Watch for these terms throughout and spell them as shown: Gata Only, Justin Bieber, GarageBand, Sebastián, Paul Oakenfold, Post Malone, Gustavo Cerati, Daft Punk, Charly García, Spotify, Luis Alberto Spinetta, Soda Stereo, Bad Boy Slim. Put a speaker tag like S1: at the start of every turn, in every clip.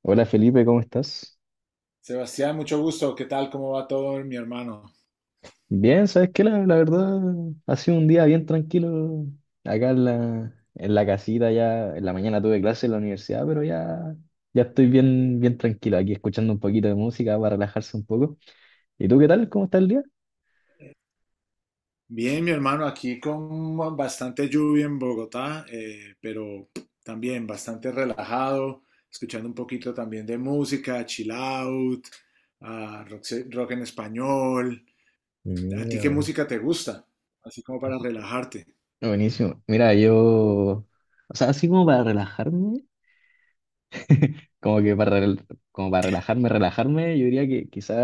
S1: Hola Felipe, ¿cómo estás?
S2: Sebastián, mucho gusto. ¿Qué tal? ¿Cómo va todo, mi hermano?
S1: Bien, ¿sabes qué? La verdad ha sido un día bien tranquilo acá en la casita ya, en la mañana tuve clase en la universidad, pero ya estoy bien, bien tranquilo aquí escuchando un poquito de música para relajarse un poco. ¿Y tú qué tal? ¿Cómo está el día?
S2: Bien, mi hermano, aquí con bastante lluvia en Bogotá, pero también bastante relajado, escuchando un poquito también de música, chill out, ah, rock, rock en español. ¿A ti qué
S1: Mira,
S2: música te gusta? Así como para relajarte.
S1: buenísimo. Mira, yo, o sea, así como para relajarme, como que para, rel- como para relajarme, relajarme, yo diría que quizá.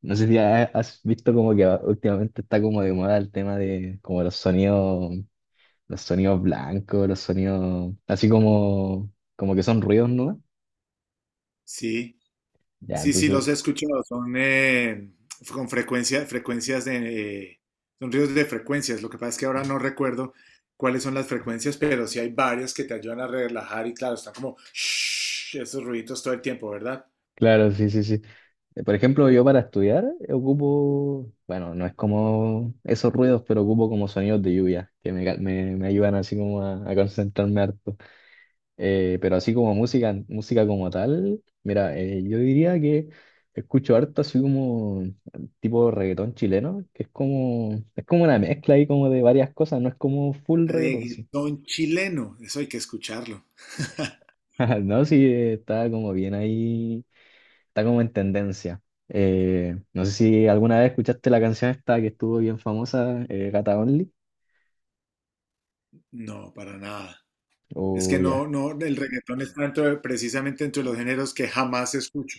S1: No sé si has visto como que últimamente está como de moda el tema de como los sonidos, blancos, los sonidos así como que son ruidos, ¿no?
S2: Sí.
S1: Ya,
S2: Sí, sí, los
S1: entonces,
S2: he escuchado. Son con frecuencia, frecuencias de, son ríos de frecuencias. Lo que pasa es que ahora no recuerdo cuáles son las frecuencias, pero sí hay varias que te ayudan a relajar y claro, están como shhh, esos ruiditos todo el tiempo, ¿verdad?
S1: claro, sí, sí, sí. Por ejemplo, yo para estudiar ocupo, bueno, no es como esos ruidos, pero ocupo como sonidos de lluvia, que me ayudan así como a concentrarme harto. Pero así como música, música como tal, mira, yo diría que escucho harto así como tipo reggaetón chileno, que es como una mezcla ahí como de varias cosas, no es como full reggaetón, sí.
S2: Reggaetón chileno, eso hay que escucharlo.
S1: No, sí, está como bien ahí, está como en tendencia. No sé si alguna vez escuchaste la canción esta que estuvo bien famosa, Gata Only,
S2: No, para nada. Es que
S1: o ya.
S2: no, no, el reggaetón está precisamente entre los géneros que jamás escucho.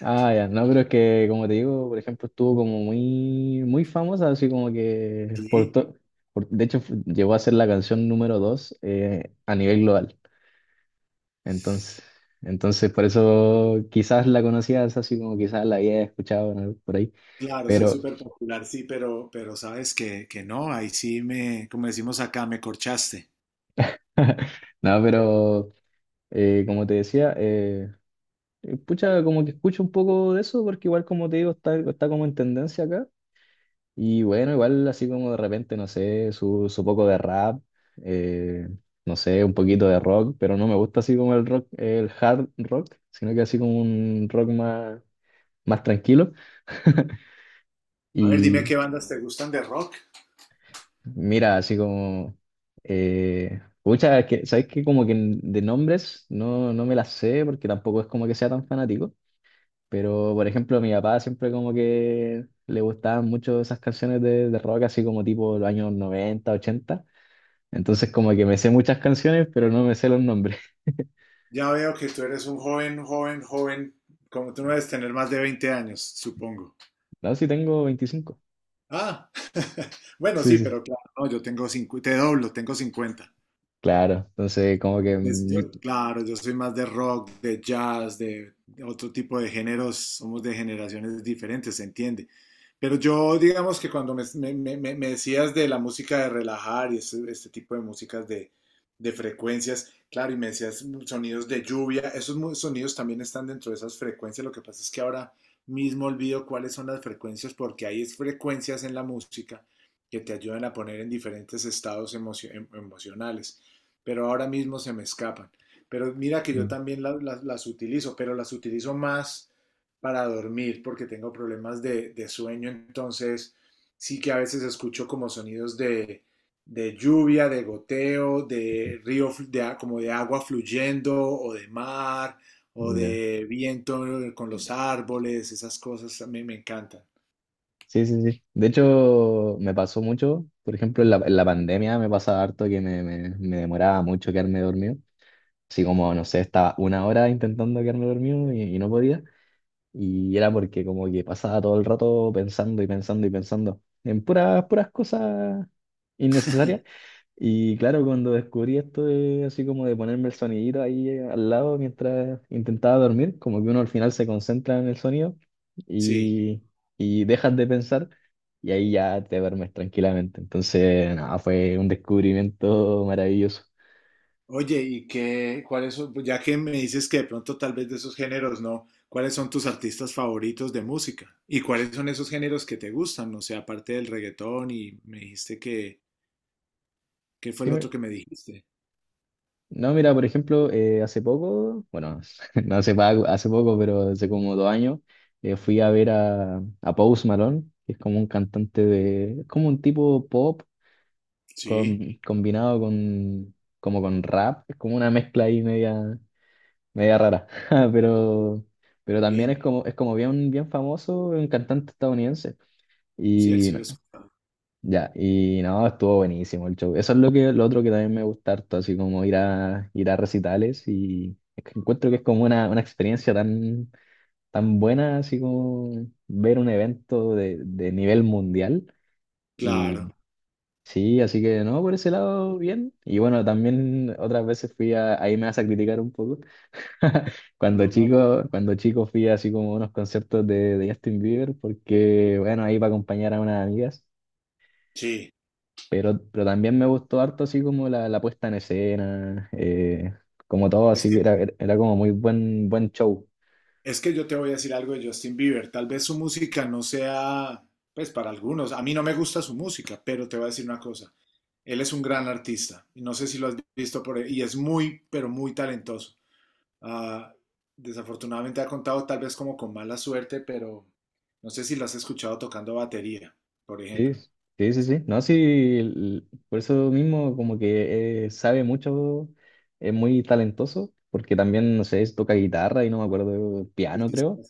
S1: Ah, ya, no, pero es que, como te digo, por ejemplo, estuvo como muy, muy famosa, así como que,
S2: Sí.
S1: de hecho, llegó a ser la canción número 2, a nivel global. Entonces, entonces, por eso quizás la conocías, así como quizás la había escuchado, ¿no? Por ahí,
S2: Claro, sí es
S1: pero,
S2: súper popular, sí, pero sabes que no, ahí sí me, como decimos acá, me corchaste.
S1: no, pero, como te decía, pucha, como que escucho un poco de eso, porque igual, como te digo, está como en tendencia acá. Y bueno, igual así como de repente, no sé, su poco de rap, eh, no sé, un poquito de rock, pero no me gusta así como el rock, el hard rock, sino que así como un rock más tranquilo.
S2: A ver, dime
S1: Y
S2: qué bandas te gustan de rock.
S1: mira, así como, pucha, es que, ¿sabes qué? Como que de nombres no me las sé porque tampoco es como que sea tan fanático, pero por ejemplo, a mi papá siempre como que le gustaban mucho esas canciones de rock, así como tipo los años 90 ochenta. Entonces como que me sé muchas canciones, pero no me sé los nombres.
S2: Ya veo que tú eres un joven, joven, joven, como tú no debes tener más de 20 años, supongo.
S1: No, sí tengo 25.
S2: Ah, bueno,
S1: Sí,
S2: sí,
S1: sí.
S2: pero claro, no, yo tengo cincuenta. Te doblo, tengo 50.
S1: Claro, entonces como que
S2: Pues yo, claro, yo soy más de rock, de jazz, de otro tipo de géneros, somos de generaciones diferentes, se entiende. Pero yo, digamos que cuando me decías de la música de relajar y este tipo de músicas de frecuencias, claro, y me decías sonidos de lluvia, esos sonidos también están dentro de esas frecuencias, lo que pasa es que ahora mismo olvido cuáles son las frecuencias, porque hay frecuencias en la música que te ayudan a poner en diferentes estados emocionales, pero ahora mismo se me escapan. Pero mira que yo
S1: mm,
S2: también las utilizo, pero las utilizo más para dormir porque tengo problemas de sueño, entonces sí que a veces escucho como sonidos de lluvia, de goteo, de río, de, como de agua fluyendo o de mar o
S1: ya.
S2: de viento con los árboles, esas cosas me, me encantan.
S1: Sí, sí, sí. De hecho, me pasó mucho, por ejemplo, en la pandemia me pasaba harto que me demoraba mucho quedarme dormido. Así como, no sé, estaba una hora intentando quedarme dormido y no podía. Y era porque como que pasaba todo el rato pensando y pensando y pensando en puras, puras cosas innecesarias. Y claro, cuando descubrí esto de, así como de ponerme el sonidito ahí, al lado mientras intentaba dormir, como que uno al final se concentra en el sonido
S2: Sí.
S1: y, y dejas de pensar y ahí ya te duermes tranquilamente. Entonces, nada, fue un descubrimiento maravilloso.
S2: Oye, ¿y qué, cuáles son? Pues, ya que me dices que de pronto tal vez de esos géneros no, ¿cuáles son tus artistas favoritos de música? ¿Y cuáles son esos géneros que te gustan? O sea, aparte del reggaetón y me dijiste que, ¿qué fue
S1: Sí,
S2: el otro que me dijiste?
S1: no, mira, por ejemplo, hace poco, bueno, no hace, pa- hace poco, pero hace como 2 años, fui a ver a Post Malone, que es como un cantante de, es como un tipo pop con-
S2: Sí,
S1: combinado como con rap, es como una mezcla ahí media rara. pero, pero, también es
S2: bien,
S1: como, es como bien, bien famoso, un cantante estadounidense.
S2: sí, él
S1: Y
S2: sí lo escuchaba.
S1: ya, y no, estuvo buenísimo el show. Eso es lo que, lo otro que también me gusta harto, así como ir a recitales y es que encuentro que es como una experiencia tan, tan buena, así como ver un evento de nivel mundial.
S2: Claro,
S1: Y sí, así que no, por ese lado, bien. Y bueno, también otras veces fui a, ahí me vas a criticar un poco.
S2: no, no,
S1: Cuando chico fui así como a unos conciertos de Justin Bieber, porque bueno, ahí para acompañar a unas amigas.
S2: sí.
S1: Pero también me gustó harto así como la puesta en escena, como todo,
S2: Es
S1: así
S2: que
S1: era como muy buen, buen show.
S2: Es que yo te voy a decir algo de Justin Bieber. Tal vez su música no sea, pues para algunos, a mí no me gusta su música, pero te voy a decir una cosa. Él es un gran artista y no sé si lo has visto por ahí, y es muy, pero muy talentoso. Ah, desafortunadamente ha contado tal vez como con mala suerte, pero no sé si lo has escuchado tocando batería, por
S1: Sí,
S2: ejemplo.
S1: sí, sí, sí. No, sí, por eso mismo, como que sabe mucho, es muy talentoso, porque también, no sé, toca guitarra y no me acuerdo,
S2: Y
S1: piano
S2: sí, sí.
S1: creo.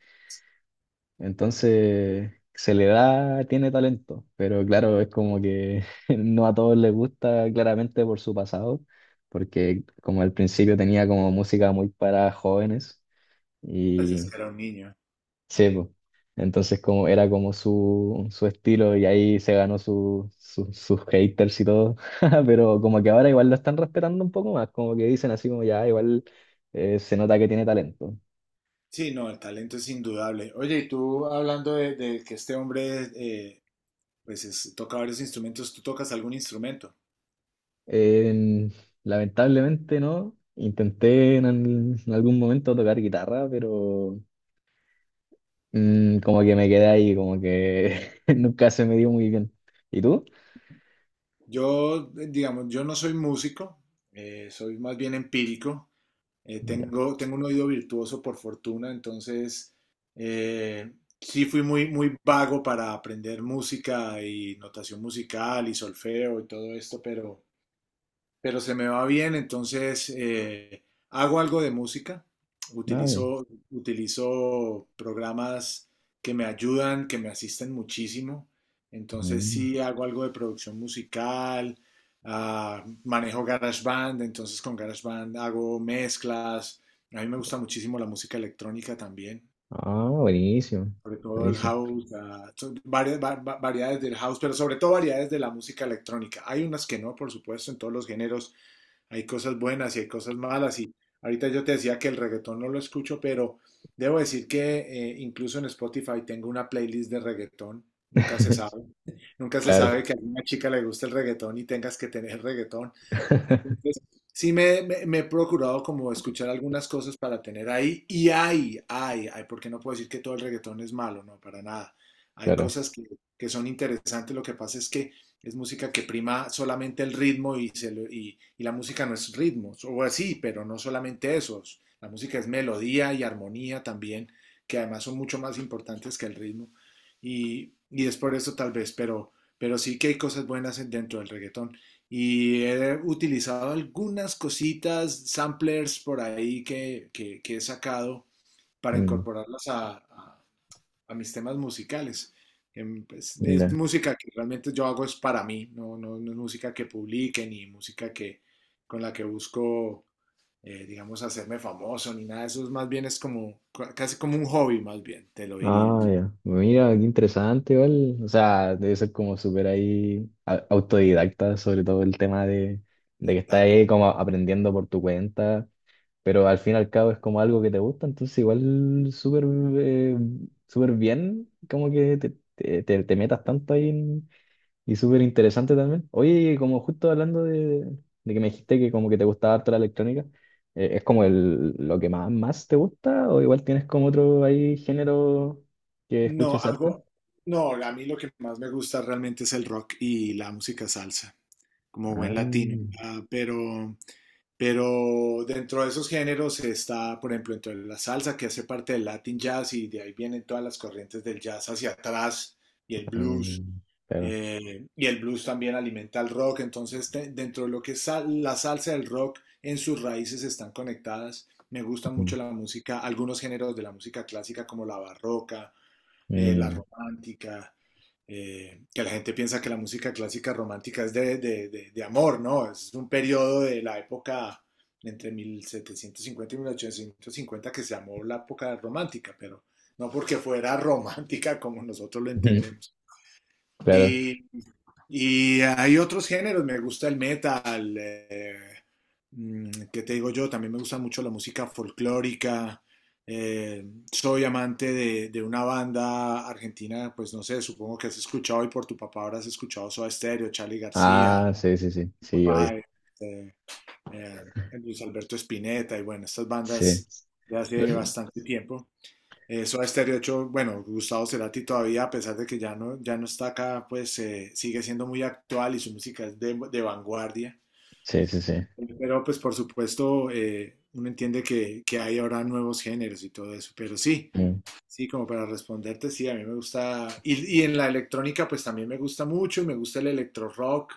S1: Entonces, se le da, tiene talento, pero claro, es como que no a todos les gusta claramente por su pasado, porque como al principio tenía como música muy para jóvenes
S2: Pues es
S1: y
S2: que era un niño.
S1: sí, po. Entonces como era como su estilo y ahí se ganó sus haters y todo. Pero como que ahora igual lo están respetando un poco más, como que dicen así como ya, igual, se nota que tiene talento.
S2: Sí, no, el talento es indudable. Oye, y tú hablando de que este hombre pues toca varios instrumentos. ¿Tú tocas algún instrumento?
S1: En- Lamentablemente no. Intenté en algún momento tocar guitarra, pero como que me quedé ahí, como que nunca se me dio muy bien. ¿Y tú?
S2: Yo, digamos, yo no soy músico, soy más bien empírico.
S1: Ya,
S2: Tengo, tengo un oído virtuoso por fortuna, entonces eh, sí fui muy, muy vago para aprender música y notación musical y solfeo y todo esto, pero se me va bien, entonces hago algo de música,
S1: nada bien.
S2: utilizo, utilizo programas que me ayudan, que me asisten muchísimo, entonces
S1: Mm.
S2: sí hago algo de producción musical, ah, manejo GarageBand, entonces con GarageBand hago mezclas, a mí me gusta muchísimo la música electrónica también.
S1: Ah, buenísimo.
S2: Sobre todo el
S1: Buenísimo.
S2: house, ah, variedades del house, pero sobre todo variedades de la música electrónica. Hay unas que no, por supuesto, en todos los géneros, hay cosas buenas y hay cosas malas. Y ahorita yo te decía que el reggaetón no lo escucho, pero debo decir que incluso en Spotify tengo una playlist de reggaetón. Nunca se sabe. Nunca se sabe
S1: Claro,
S2: que a una chica le guste el reggaetón y tengas que tener reggaetón. Entonces, sí me, me he procurado como escuchar algunas cosas para tener ahí, y hay, porque no puedo decir que todo el reggaetón es malo, no, para nada. Hay
S1: claro.
S2: cosas que son interesantes, lo que pasa es que es música que prima solamente el ritmo y, y la música no es ritmo, o así, pero no solamente eso, la música es melodía y armonía también, que además son mucho más importantes que el ritmo, y es por eso tal vez, pero sí que hay cosas buenas dentro del reggaetón. Y he utilizado algunas cositas, samplers por ahí que, que he sacado para
S1: Mm,
S2: incorporarlas a, a mis temas musicales. Pues, es
S1: ya.
S2: música que realmente yo hago es para mí, no, no, no es música que publique ni música que, con la que busco, digamos, hacerme famoso ni nada de eso. Es más bien es como, casi como un hobby, más bien, te lo diría,
S1: Ah, ya. Mira, qué interesante, igual. O sea, debe ser como súper ahí, autodidacta, sobre todo el tema de que estás
S2: tal cual.
S1: ahí como aprendiendo por tu cuenta, pero al fin y al cabo es como algo que te gusta, entonces igual súper, eh, súper bien, como que te metas tanto ahí y súper interesante también. Oye, como justo hablando de que me dijiste que como que te gustaba harto la electrónica, ¿es como lo que más te gusta o igual tienes como otro ahí género que
S2: No,
S1: escuches harto?
S2: hago, no, a mí lo que más me gusta realmente es el rock y la música salsa, como buen
S1: Ah,
S2: latino. Ah, pero dentro de esos géneros está, por ejemplo, dentro de la salsa, que hace parte del Latin Jazz, y de ahí vienen todas las corrientes del jazz hacia atrás y el
S1: ah,
S2: blues.
S1: claro.
S2: Y el blues también alimenta al rock, entonces dentro de lo que es la salsa del rock en sus raíces están conectadas. Me gusta mucho
S1: Mm,
S2: la música, algunos géneros de la música clásica como la barroca, la
S1: mm,
S2: romántica, que la gente piensa que la música clásica romántica es de, de amor, ¿no? Es un periodo de la época entre 1750 y mil ochocientos cincuenta, que se llamó la época romántica, pero no porque fuera romántica como nosotros lo entendemos.
S1: claro.
S2: Y, y hay otros géneros, me gusta el metal, ¿qué te digo yo? También me gusta mucho la música folclórica. eh, Soy amante de una banda argentina, pues no sé, supongo que has escuchado y por tu papá habrás escuchado Soda Stereo, Charly García,
S1: Ah, sí, sí, sí,
S2: Fito,
S1: sí, oye,
S2: eh, eh, Luis Alberto Spinetta y bueno, estas
S1: sí.
S2: bandas de hace bastante tiempo. Eso Soda Stereo, de hecho, bueno, Gustavo Cerati todavía, a pesar de que ya no está acá, pues sigue siendo muy actual y su música es de vanguardia.
S1: Sí, sí, sí.
S2: Pero pues por supuesto, uno entiende que hay ahora nuevos géneros y todo eso. Pero sí,
S1: Mm.
S2: sí, como para responderte, sí, a mí me gusta. Y en la electrónica, pues también me gusta mucho, me gusta el electro rock,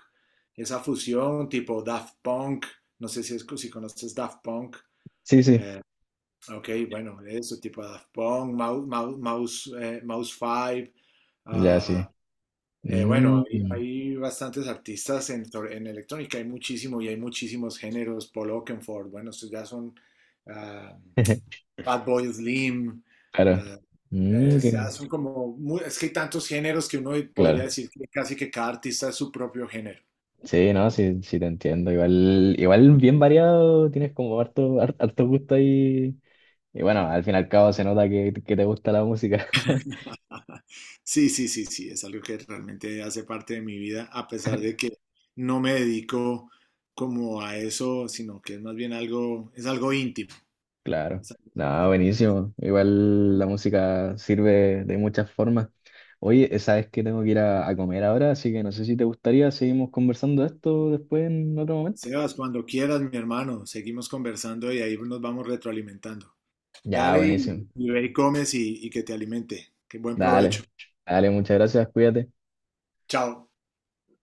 S2: esa fusión tipo Daft Punk, no sé si, es, si conoces Daft Punk.
S1: Sí, sí,
S2: Ok, bueno, eso, tipo Daft Punk, Mouse 5.
S1: ya sí.
S2: Ah, bueno,
S1: Mm.
S2: hay bastantes artistas en, en electrónica, hay muchísimo y hay muchísimos géneros. Paul Oakenfold, bueno, estos ya son ah, Bad Boy Slim.
S1: Claro.
S2: Ah,
S1: Mm,
S2: ya son como, es que hay tantos géneros que uno podría
S1: claro.
S2: decir que casi que cada artista es su propio género.
S1: Sí, no, sí, sí te entiendo. Igual bien variado, tienes como harto gusto ahí. Y bueno, al fin y al cabo se nota que te gusta la música.
S2: Sí, sí, sí, sí, es algo que realmente hace parte de mi vida, a pesar de que no me dedico como a eso, sino que es más bien algo, es algo íntimo.
S1: Claro.
S2: Es algo
S1: No,
S2: íntimo.
S1: buenísimo. Igual la música sirve de muchas formas. Oye, sabes que tengo que ir a comer ahora, así que no sé si te gustaría, seguimos conversando de esto después en otro momento.
S2: Sebas, cuando quieras, mi hermano, seguimos conversando y ahí nos vamos retroalimentando.
S1: Ya,
S2: Dale
S1: buenísimo.
S2: y ve y comes y que te alimente. Que buen
S1: Dale,
S2: provecho.
S1: dale, muchas gracias, cuídate.
S2: Chao.